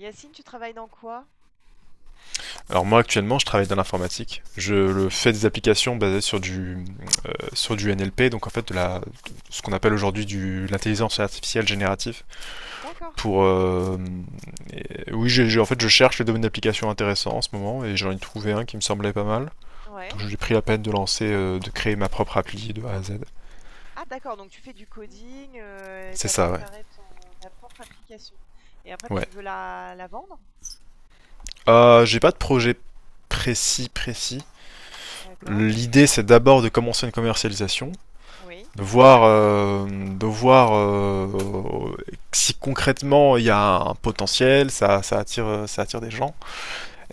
Yacine, tu travailles dans quoi? Alors moi actuellement je travaille dans l'informatique. Je le fais des applications basées sur du NLP, donc en fait de la ce qu'on appelle aujourd'hui de l'intelligence artificielle générative. D'accord. Pour euh, oui En fait, je cherche les domaines d'application intéressants en ce moment et j'en ai trouvé un qui me semblait pas mal. Ouais. Donc j'ai pris la peine de lancer de créer ma propre appli de A à Z. Ah d'accord, donc tu fais du coding, et C'est t'as ça, ouais. préparé ta propre application. Et après, tu Ouais. veux la vendre? J'ai pas de projet précis. D'accord. L'idée c'est d'abord de commencer une commercialisation, Oui. de voir si concrètement il y a un potentiel, ça attire, ça attire des gens.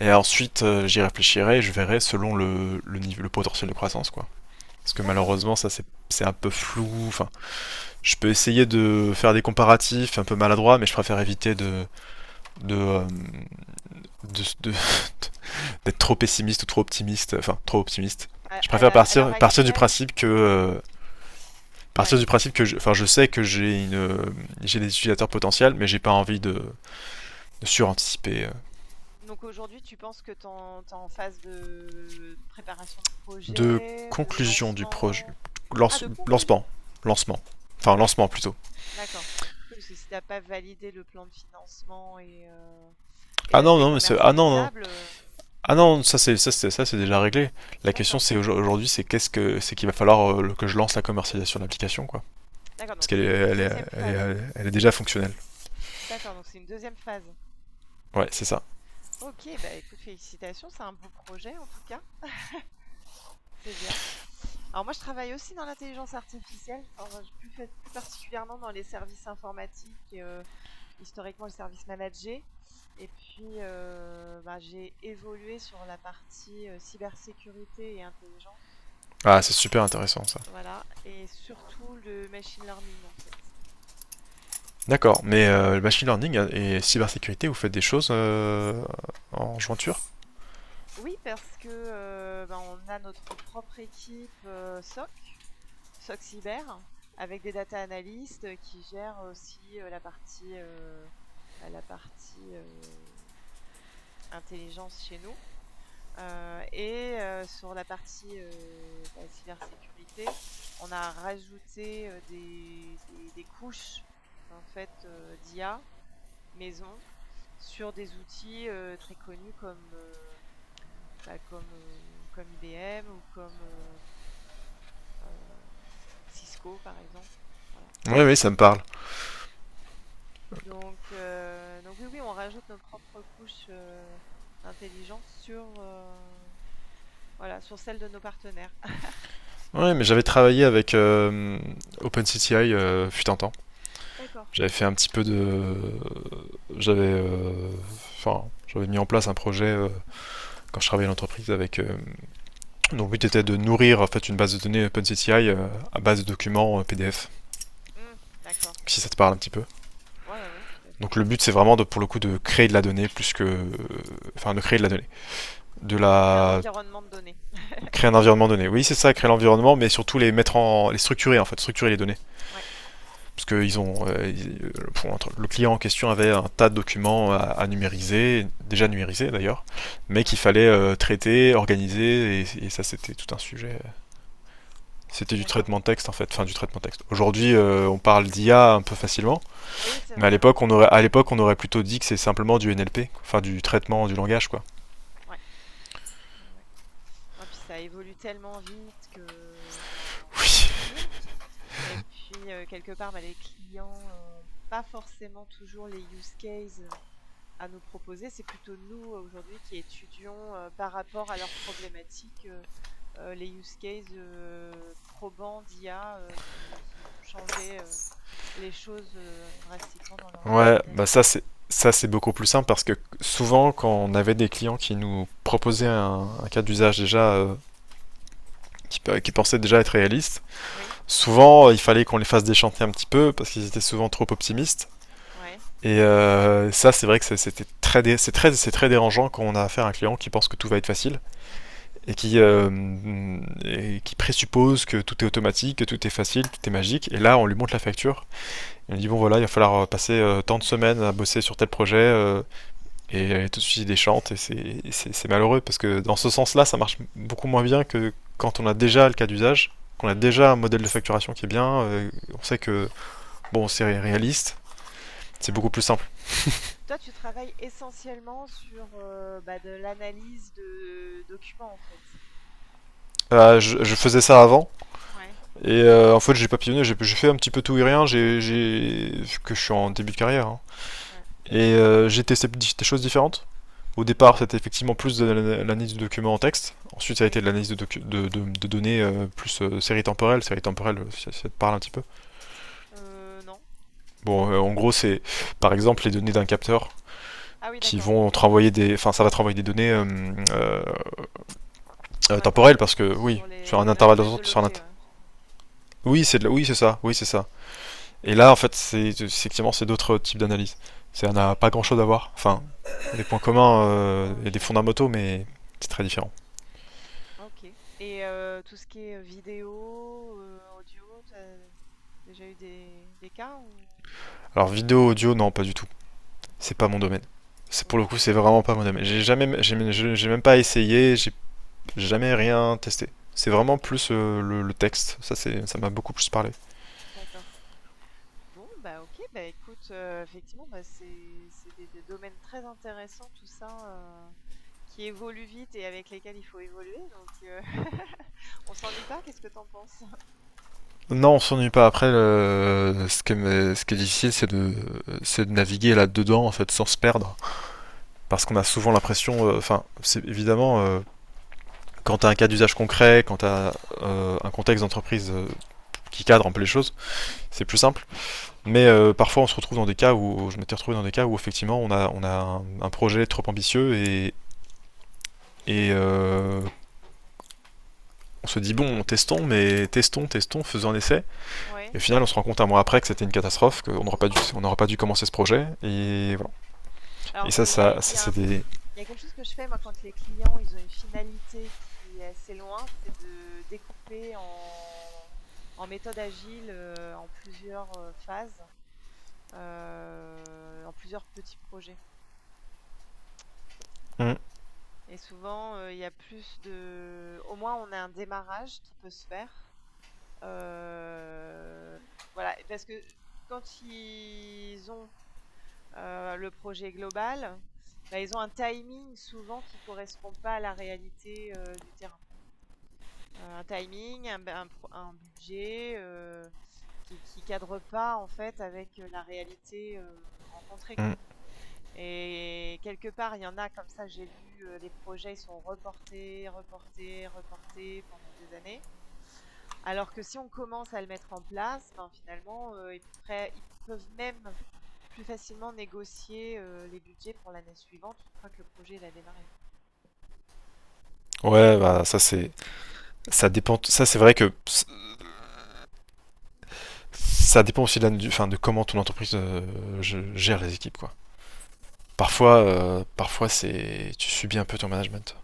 Et ensuite, j'y réfléchirai, je verrai selon le niveau, le potentiel de croissance, quoi. Parce que D'accord. malheureusement, ça c'est un peu flou. Enfin, je peux essayer de faire des comparatifs un peu maladroits, mais je préfère éviter de euh, de d'être trop pessimiste ou trop optimiste. Enfin, trop optimiste. Je préfère À l'heure partir du actuelle? Ouais. Principe que enfin, je sais que j'ai des utilisateurs potentiels, mais j'ai pas envie de suranticiper. Donc aujourd'hui, tu penses que t'es en phase de préparation de De projet, de conclusion du projet, lancement? Ah, lance, de conclusion? lancement, lancement, Ah oui, lancement plutôt. d'accord. Oui, parce que si t'as pas validé le plan de financement et et Ah non l'aspect non, mais ah non non. commercialisable, Ah non, ça c'est déjà réglé. La question d'accord. c'est aujourd'hui, c'est qu'il va falloir que je lance la commercialisation de l'application, quoi, D'accord, parce donc qu'elle c'est une deuxième phase. Elle est déjà fonctionnelle. D'accord, donc c'est une deuxième phase. Ouais, c'est ça. OK, bah, écoute, félicitations, c'est un beau projet en tout cas, c'est bien. Alors moi, je travaille aussi dans l'intelligence artificielle, enfin, je plus fait plus particulièrement dans les services informatiques, historiquement le service managés et puis, bah, j'ai évolué sur la partie, cybersécurité et intelligence, Ah, c'est super intéressant, ça. voilà et surtout le machine learning, en fait. D'accord, mais le machine learning et cybersécurité, vous faites des choses en jointure. Oui, parce que, bah, on a notre propre équipe, SOC cyber avec des data analystes qui gèrent aussi la partie, bah, la partie intelligence chez nous. Sur la partie bah, cybersécurité, on a rajouté des couches en fait d'IA maison sur des outils très connus comme IBM ou comme euh, Cisco par exemple. Voilà. Oui, oui, ça me parle. Donc oui, oui, on rajoute nos propres couches, d'intelligence sur, voilà, sur celles de nos partenaires. Oui, mais j'avais travaillé avec OpenCTI, fut un temps. D'accord. J'avais fait un petit peu de... J'avais... euh, Enfin, j'avais mis en place un projet quand je travaillais à l'entreprise dont le but était de nourrir en fait une base de données OpenCTI, à base de documents, PDF, Mmh, d'accord. si ça te parle un petit peu. Ouais, ouais, ouais, tout à fait. Donc le but c'est vraiment de, pour le coup, de créer de la donnée plus que... Enfin, de créer de la donnée. De Créer un la... environnement de données. Créer un environnement donné. Oui, c'est ça, créer l'environnement, mais surtout les mettre en... les structurer en fait, structurer les données. Ouais, Parce que euh, bon, le client en question avait un tas de documents à numériser, déjà numérisés d'ailleurs, mais qu'il ouais, fallait traiter, organiser, et ça c'était tout un sujet. C'était du d'accord. traitement de texte en fait, enfin du traitement de texte. Aujourd'hui, on parle d'IA un peu facilement, Oui, c'est mais à vrai, hein. Ouais, ouais. l'époque on aurait plutôt dit que c'est simplement du NLP, quoi. Enfin, du traitement du langage, quoi. Ouais, ouais, ouais. Non, puis ça évolue tellement vite que, ben, faut Oui. suivre et puis, quelque part, ben les clients ont pas forcément toujours les use cases à nous proposer. C'est plutôt nous aujourd'hui qui étudions par rapport à leurs problématiques les use cases probants d'IA qui vont changer les choses drastiquement dans leurs Ouais, bah organisations, quoi. Ça, c'est beaucoup plus simple, parce que souvent, quand on avait des clients qui nous proposaient un cas d'usage déjà, qui pensaient déjà être réaliste, Oui, souvent, il fallait qu'on les fasse déchanter un petit peu parce qu'ils étaient souvent trop optimistes. ouais. Et ça, c'est vrai que c'était très, c'est très dérangeant quand on a affaire à un client qui pense que tout va être facile Mhm. et et qui présuppose que tout est automatique, que tout est facile, tout est magique. Et là, on lui montre la facture. Et on lui dit bon voilà, il va falloir passer tant de semaines à bosser Ouais, sur tel projet, et elle tout de suite il déchante. Et c'est ouais. malheureux parce que dans ce sens-là, ça marche beaucoup moins bien que quand on a déjà le cas d'usage, qu'on a Mm, déjà un modèle de facturation qui est bien. On sait que bon, c'est réaliste, c'est ouais. beaucoup plus simple. Toi, tu travailles essentiellement sur bah, de l'analyse de documents, en fait. Je faisais ça avant, Ouais, et en fait, j'ai papillonné, j'ai fait un petit peu tout et rien, que je suis en début de carrière, hein. ouais. Et j'ai testé des choses différentes. Au Mhm, départ, c'était effectivement plus de l'analyse de documents en texte. Ensuite, ça a été oui. de l'analyse de données, plus série temporelle. Série temporelle, ça, ça te parle un petit peu. Non. Bon, en gros, c'est par exemple les données d'un capteur Ah oui, qui d'accord, vont te ok. renvoyer des. Enfin, ça va te renvoyer des données Mm. euh, Sur temporelles l'internet parce que, oui, sur sur un les intervalle de l'internet temps, de sur un, l'objet, ouais. Ah OK. oui, c'est de oui, c'est ça, oui, c'est ça. Et Ouais. là, en fait, c'est effectivement, c'est d'autres types d'analyses. Ça n'a pas grand-chose à voir. Enfin, des points communs Ouais, ouais, et je des suis d'accord. fondamentaux, mais c'est très Mmh. différent. Ah OK et tout ce qui est, vidéo, audio, tu as déjà eu des cas ou non? Alors, vidéo, audio, non, pas du tout. C'est pas mon D'accord. domaine. C'est pour le coup, OK. c'est vraiment pas mon domaine. J'ai même pas essayé, j'ai jamais rien testé. C'est vraiment OK. plus le texte. Ça, ça m'a beaucoup plus parlé. D'accord. Bon, bah, OK, bah, écoute, effectivement, bah, c'est des domaines très intéressants tout ça, heu, qui évoluent vite et avec lesquels il faut évoluer donc on s'ennuie pas, qu'est-ce que t'en penses? Non, on s'ennuie pas. Après, ce qui est difficile, c'est c'est de naviguer là-dedans, en fait, sans se perdre. Parce qu'on a souvent l'impression, enfin, c'est évidemment, quand tu as un cas d'usage concret, quand tu as un contexte d'entreprise qui cadre un peu les choses, c'est plus simple. Mais parfois, on se retrouve dans des cas où, je m'étais retrouvé dans des cas où effectivement, on a un projet trop ambitieux, et on se dit, bon, testons, faisons un essai. Ouais. Et au final, on se rend compte un mois après que c'était une catastrophe, qu'on n'aurait pas, dû, on n'aurait pas dû commencer ce projet. Et Mmh. voilà. Et Alors, ça c'est des. il y a quelque chose que je fais moi quand les clients, ils ont une finalité qui est assez loin, c'est de découper en méthode agile, en plusieurs, phases, en plusieurs petits projets Mm, et souvent, il y a plus de au moins on a un démarrage qui peut se faire, heu, voilà parce que quand ils ont le projet global, bah, ils ont un timing souvent qui ne correspond pas à la réalité du terrain. Un timing, un budget qui cadre pas en fait avec la réalité rencontrée, quoi. mm. Et quelque part, il y en a comme ça, j'ai vu les projets, ils sont reportés, reportés, reportés pendant des années. Alors que si on commence à le mettre en place, ben, finalement, ils peuvent même plus facilement négocier, les budgets pour l'année suivante une fois que le projet il a démarré. Ouais, bah, ça, c'est. Ça dépend. Ça, c'est vrai que ça dépend aussi enfin, de comment ton entreprise gère les équipes, quoi. Ouais, Parfois c'est, tu subis un peu ton management.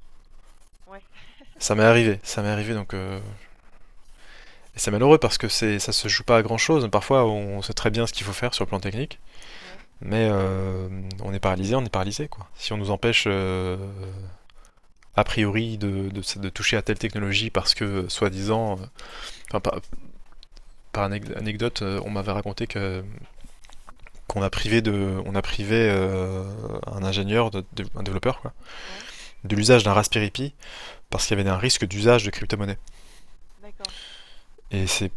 ouais, Ça m'est arrivé, donc c'est malheureux parce que ça se joue pas à grand chose. Parfois, on sait très bien ce qu'il faut faire sur le plan technique, ouais, mais on est paralysé, quoi. Si on nous empêche a priori de toucher à telle technologie parce que, soi-disant, par, par anecdote, on m'avait raconté que qu'on a on a privé un ingénieur, un développeur, quoi, ouais, de l'usage d'un Raspberry Pi parce qu'il y avait un risque d'usage de crypto-monnaie. d'accord. Et c'est,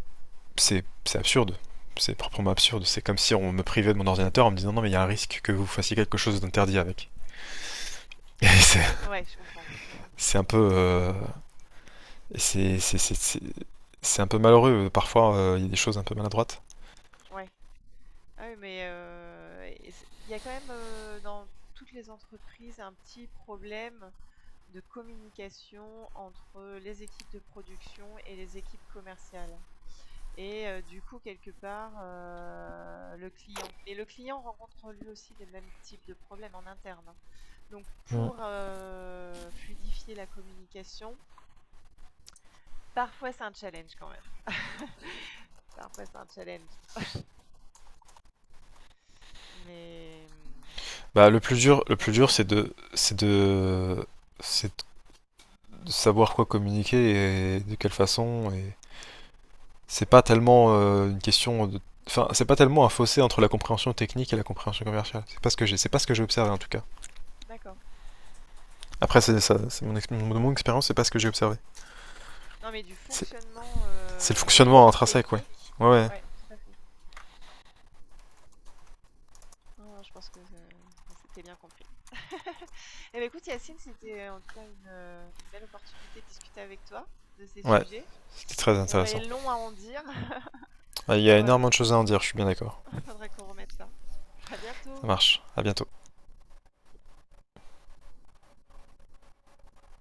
c'est, c'est absurde. C'est proprement absurde. C'est comme si on me privait de mon ordinateur en me disant non, mais il y a un risque que vous fassiez quelque chose d'interdit avec. Et Ouais, je comprends. Mmh mh, mmh. c'est un peu, c'est, c'est, c'est, c'est, c'est un peu malheureux. Parfois, il y a des choses un peu maladroites. Ouais. Ah oui, mais et c'est il y a quand même, dans toutes les entreprises, un petit problème de communication entre les équipes de production et les équipes commerciales. Et du coup, quelque part, le client rencontre lui aussi les mêmes types de problèmes en interne, hein. Donc Mm. pour, fluidifier la communication, parfois c'est un challenge quand même, parfois c'est un challenge, mais Bah, le on plus le dur, sait. C'est de savoir quoi communiquer et de quelle façon, et c'est pas tellement une question de... Enfin, c'est pas tellement un fossé entre la compréhension technique et la compréhension commerciale. C'est pas ce que c'est pas ce que j'ai observé en tout cas. D'accord. Après, c'est ça, c'est mon, ex- mon- mon expérience, c'est pas ce que j'ai observé. Non, mais du C'est fonctionnement, c'est le de fonctionnement l'équipe intrinsèque, ouais. technique Ouais, et ouais, ouais, tout à fait. Non, je pense que, on s'était bien compris. Et bah, écoute Yacine, c'était en tout cas une belle opportunité de discuter avec toi de ces ouais, sujets. c'était très Il y aurait intéressant. long à en dire. Ouais, il y a Voilà, énormément de choses à en dire, je suis bien d'accord. faudrait qu'on remette ça. À Ça bientôt. marche. À bientôt.